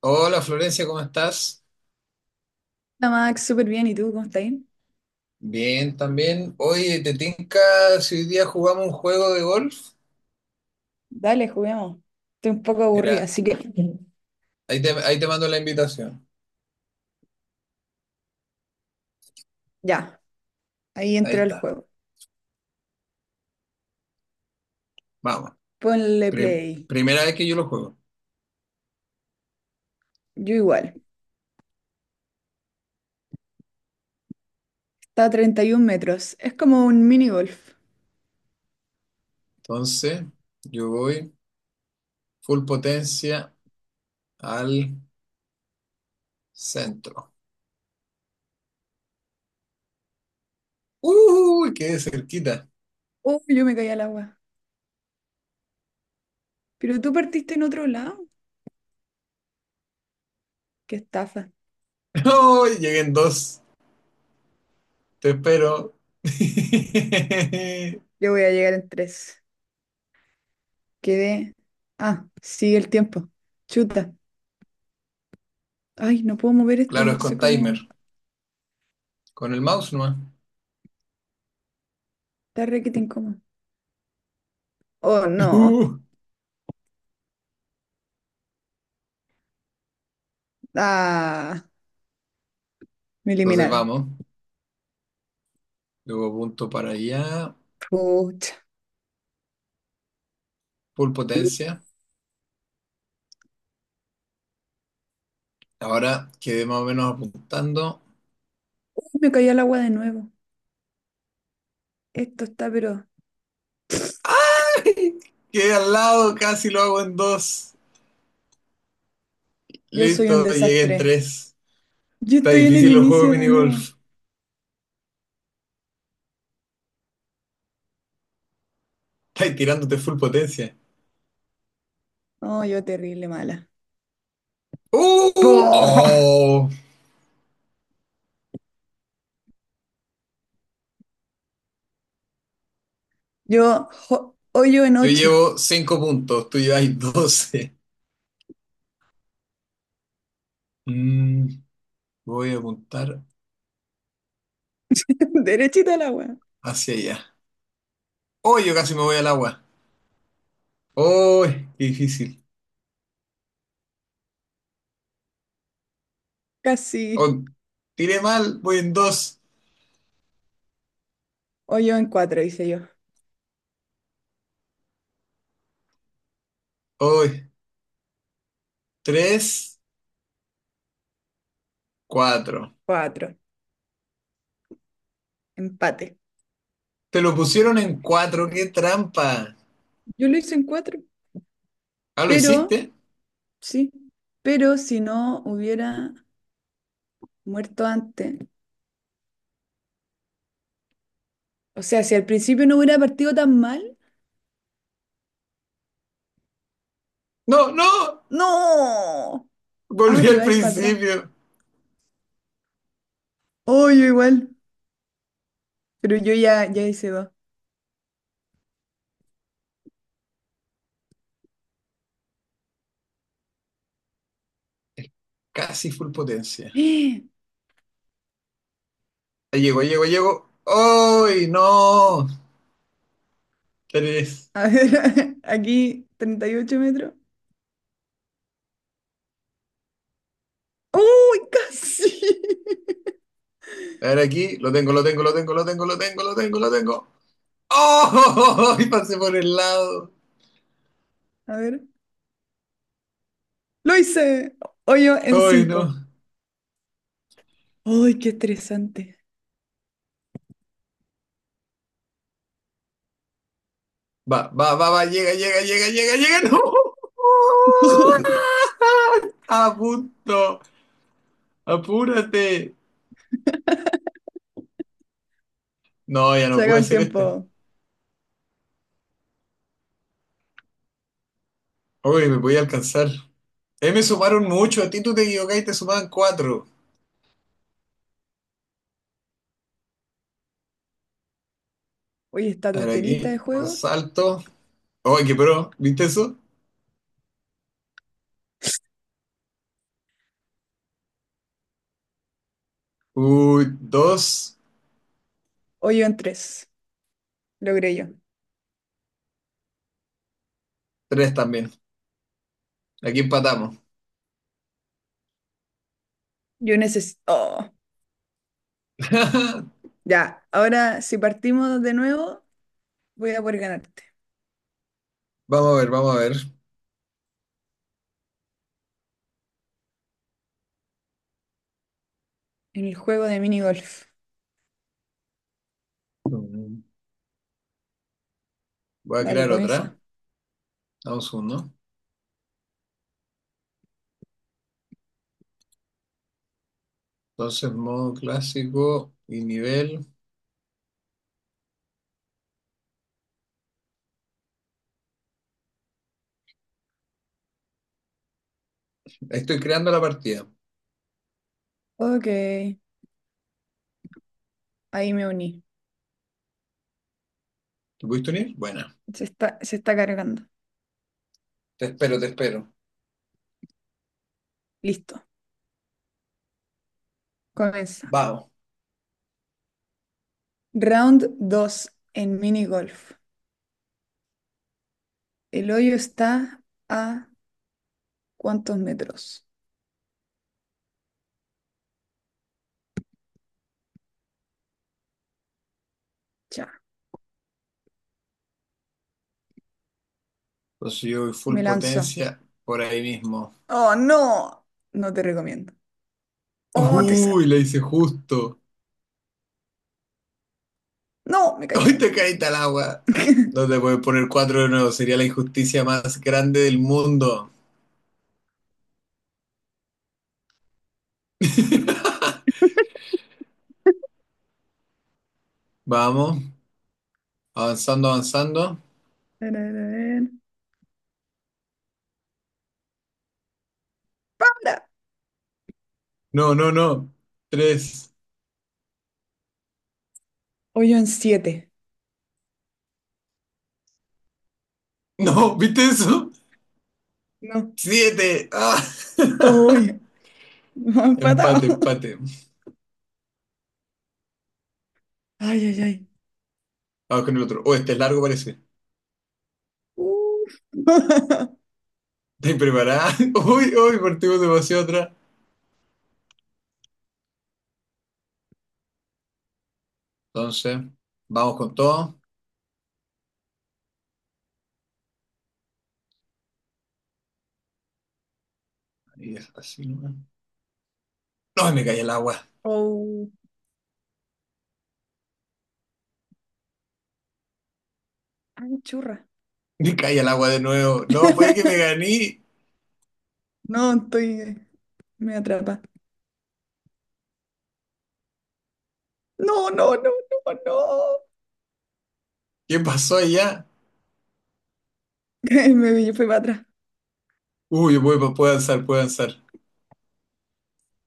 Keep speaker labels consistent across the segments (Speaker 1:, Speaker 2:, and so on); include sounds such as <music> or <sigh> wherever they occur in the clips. Speaker 1: Hola Florencia, ¿cómo estás?
Speaker 2: Hola Max, súper bien. ¿Y tú cómo estás?
Speaker 1: Bien, también. Oye, ¿te tinca si hoy día jugamos un juego de golf?
Speaker 2: Dale, juguemos. Estoy un poco aburrida,
Speaker 1: Mira,
Speaker 2: así que
Speaker 1: ahí te mando la invitación.
Speaker 2: ya, ahí
Speaker 1: Ahí
Speaker 2: entra el
Speaker 1: está,
Speaker 2: juego.
Speaker 1: vamos.
Speaker 2: Ponle
Speaker 1: Pri-
Speaker 2: play.
Speaker 1: primera vez que yo lo juego.
Speaker 2: Yo igual. Está a 31 metros. Es como un mini golf.
Speaker 1: Entonces, yo voy full potencia al centro. ¡Uy! Quedé cerquita.
Speaker 2: Uy, yo me caí al agua. Pero tú partiste en otro lado. Qué estafa.
Speaker 1: <laughs> ¡Uy! Llegué en dos. Te espero. <laughs>
Speaker 2: Yo voy a llegar en tres. Quedé. Ah, sigue el tiempo. Chuta. Ay, no puedo mover esto,
Speaker 1: Claro, es
Speaker 2: no sé
Speaker 1: con
Speaker 2: cómo.
Speaker 1: timer. Con el mouse nomás. <laughs>
Speaker 2: Está requete incómodo. Oh, no.
Speaker 1: Uh,
Speaker 2: Ah, me
Speaker 1: entonces
Speaker 2: eliminaron.
Speaker 1: vamos. Luego punto para allá.
Speaker 2: Pucha.
Speaker 1: Full potencia. Ahora quedé más o menos apuntando.
Speaker 2: Uy, me caí al agua de nuevo. Esto está, pero
Speaker 1: ¡Ay! Quedé al lado, casi lo hago en dos.
Speaker 2: yo soy un
Speaker 1: Listo, llegué en
Speaker 2: desastre.
Speaker 1: tres.
Speaker 2: Yo
Speaker 1: Está
Speaker 2: estoy en el
Speaker 1: difícil los juegos
Speaker 2: inicio
Speaker 1: de
Speaker 2: de nuevo.
Speaker 1: minigolf. Estás tirándote full potencia.
Speaker 2: Oh, yo terrible mala.
Speaker 1: ¡Uh!
Speaker 2: ¡Oh!
Speaker 1: ¡Oh!
Speaker 2: Hoyo en
Speaker 1: Yo
Speaker 2: ocho.
Speaker 1: llevo cinco puntos, tú llevas 12. Mm, voy a apuntar
Speaker 2: <laughs> Derechita al agua.
Speaker 1: hacia allá. ¡Oh! Yo casi me voy al agua. ¡Oh! Qué difícil.
Speaker 2: Casi.
Speaker 1: Oh, tiré mal, voy en dos.
Speaker 2: Hoyo en cuatro, hice yo.
Speaker 1: ¡Oh! Tres, cuatro.
Speaker 2: Cuatro. Empate.
Speaker 1: Te lo pusieron en cuatro, qué trampa.
Speaker 2: Yo lo hice en cuatro,
Speaker 1: Ah, ¿lo
Speaker 2: pero
Speaker 1: hiciste?
Speaker 2: sí. Pero si no hubiera muerto antes. O sea, si al principio no hubiera partido tan mal.
Speaker 1: No, no.
Speaker 2: ¡No! Ah,
Speaker 1: Volví
Speaker 2: te
Speaker 1: al
Speaker 2: vais para atrás.
Speaker 1: principio.
Speaker 2: Oh, yo igual. Pero yo ya, hice dos.
Speaker 1: Casi full potencia.
Speaker 2: <gasps>
Speaker 1: Ahí llego, llego, llego. ¡Ay, no! Tres.
Speaker 2: A ver, <laughs> aquí 38 metros. ¡Uy, casi! <laughs>
Speaker 1: A ver aquí. Lo tengo, lo tengo, lo tengo, lo tengo, lo tengo, lo tengo, lo tengo. ¡Oh! <laughs> Y pasé por el lado.
Speaker 2: A ver, lo hice. Hoyo en
Speaker 1: ¡Ay,
Speaker 2: 5.
Speaker 1: no!
Speaker 2: ¡Uy, qué estresante!
Speaker 1: Va, va, va, va. Llega, llega, llega, llega, llega. <laughs> ¡No!
Speaker 2: <laughs>
Speaker 1: A punto. Apúrate. No, ya no
Speaker 2: Se acabó
Speaker 1: pude
Speaker 2: el
Speaker 1: hacer este.
Speaker 2: tiempo.
Speaker 1: Uy, me voy a alcanzar. Me sumaron mucho. A ti tú te equivocaste y te sumaban cuatro.
Speaker 2: Oye, esta
Speaker 1: A ver,
Speaker 2: tonterita de
Speaker 1: aquí, con
Speaker 2: juego.
Speaker 1: salto. Uy, qué pro. ¿Viste eso? Uy, dos,
Speaker 2: Hoyo en tres. Logré yo.
Speaker 1: tres también. Aquí empatamos.
Speaker 2: Yo necesito. Oh,
Speaker 1: <laughs>
Speaker 2: ya, ahora si partimos de nuevo, voy a poder ganarte.
Speaker 1: Vamos a ver, vamos a ver.
Speaker 2: En el juego de mini golf.
Speaker 1: Mm, voy a
Speaker 2: Dale,
Speaker 1: crear
Speaker 2: comienza.
Speaker 1: otra. Vamos uno. Entonces, modo clásico y nivel. Ahí estoy creando la partida.
Speaker 2: Ok, ahí me uní.
Speaker 1: ¿Te pudiste unir? Buena.
Speaker 2: Se está, cargando.
Speaker 1: Te espero, te espero.
Speaker 2: Listo, comienza.
Speaker 1: Vamos.
Speaker 2: Round 2 en mini golf. El hoyo está a ¿cuántos metros? Ya,
Speaker 1: Entonces yo voy full
Speaker 2: me lanzo.
Speaker 1: potencia por ahí mismo.
Speaker 2: Oh, no. No te recomiendo. Oh, te sal.
Speaker 1: Uy, le hice justo.
Speaker 2: No, me caí a la
Speaker 1: Hoy
Speaker 2: agua.
Speaker 1: te caíste al agua. No
Speaker 2: <laughs>
Speaker 1: te puedes poner cuatro de nuevo. Sería la injusticia más grande del mundo. <laughs> Vamos. Avanzando, avanzando.
Speaker 2: A ver, a ver, a ver. ¡Para!
Speaker 1: No, no, no. Tres.
Speaker 2: Hoyo en siete.
Speaker 1: No, ¿viste eso?
Speaker 2: No.
Speaker 1: Siete. Ah. <laughs>
Speaker 2: ¡Uy! <laughs> Me han
Speaker 1: Empate,
Speaker 2: empatado. <laughs>
Speaker 1: empate.
Speaker 2: Ay, ay, ay.
Speaker 1: Vamos con el otro. Oh, este es largo parece.
Speaker 2: Uf. <laughs>
Speaker 1: ¿Estás preparada? <laughs> Uy, uy, partimos demasiado atrás. Entonces, vamos con todo. Ahí es así nomás. No, me caí el agua.
Speaker 2: Oh. Ay, churra.
Speaker 1: Me caí el agua de nuevo. No, puede que me
Speaker 2: <laughs>
Speaker 1: gané.
Speaker 2: No, estoy. Me atrapa. No, no, no, no, no.
Speaker 1: ¿Qué pasó allá?
Speaker 2: <laughs> Me fui para atrás.
Speaker 1: Uy, voy, puedo avanzar, puedo avanzar.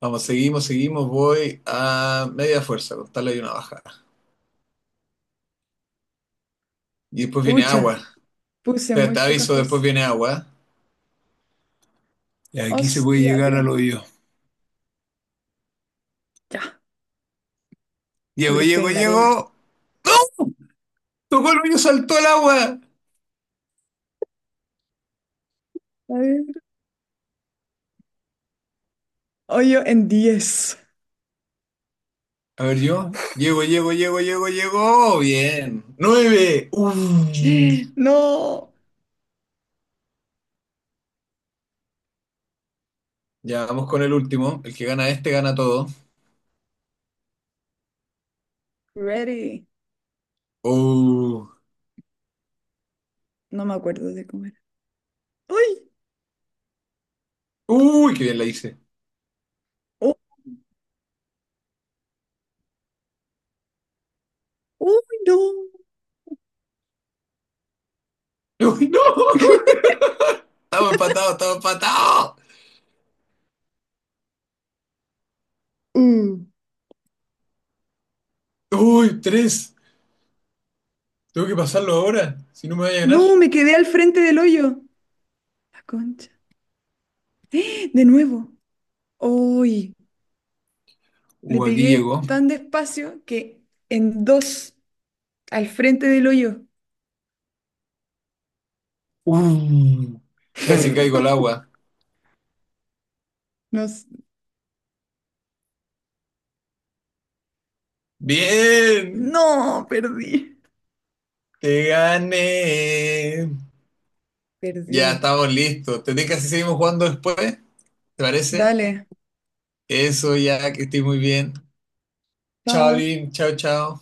Speaker 1: Vamos, seguimos, seguimos. Voy a media fuerza, costarle hay una bajada. Y después viene
Speaker 2: Pucha,
Speaker 1: agua.
Speaker 2: puse
Speaker 1: Te,
Speaker 2: muy
Speaker 1: te
Speaker 2: poca
Speaker 1: aviso, después
Speaker 2: fuerza.
Speaker 1: viene agua. Y aquí se puede
Speaker 2: Hostia,
Speaker 1: llegar al
Speaker 2: tío.
Speaker 1: hoyo.
Speaker 2: Ya, ah,
Speaker 1: Llego,
Speaker 2: pero estoy
Speaker 1: llego,
Speaker 2: en la arena.
Speaker 1: llego. Tocó el hoyo, saltó al agua.
Speaker 2: A ver. Hoyo en diez.
Speaker 1: A ver, yo. Llego, llego, llego, llego, llego. Bien. Nueve. Uy.
Speaker 2: <gasps> No.
Speaker 1: Ya vamos con el último. El que gana este gana todo.
Speaker 2: Ready.
Speaker 1: Uh.
Speaker 2: No me acuerdo de comer. ¡Ay!
Speaker 1: Uy, qué bien la hice.
Speaker 2: ¡Oh! ¡Uy, no!
Speaker 1: Uy, no. <laughs> Estamos empatados, estamos empatados.
Speaker 2: Uh.
Speaker 1: Uy, tres. Tengo que pasarlo ahora, si no me voy a ganar.
Speaker 2: No, me quedé al frente del hoyo. La concha. De nuevo. ¡Uy! Le
Speaker 1: Aquí
Speaker 2: pegué
Speaker 1: llegó.
Speaker 2: tan despacio que en dos al frente del hoyo.
Speaker 1: Uh, casi caigo al
Speaker 2: <laughs>
Speaker 1: agua.
Speaker 2: No, s-
Speaker 1: Bien,
Speaker 2: No, perdí.
Speaker 1: te gané. Ya
Speaker 2: Perdí.
Speaker 1: estamos listos. ¿Te que si seguimos jugando después? ¿Te parece?
Speaker 2: Dale.
Speaker 1: Eso ya, que estoy muy bien. Chao,
Speaker 2: Chao.
Speaker 1: Lin. Chao, chao.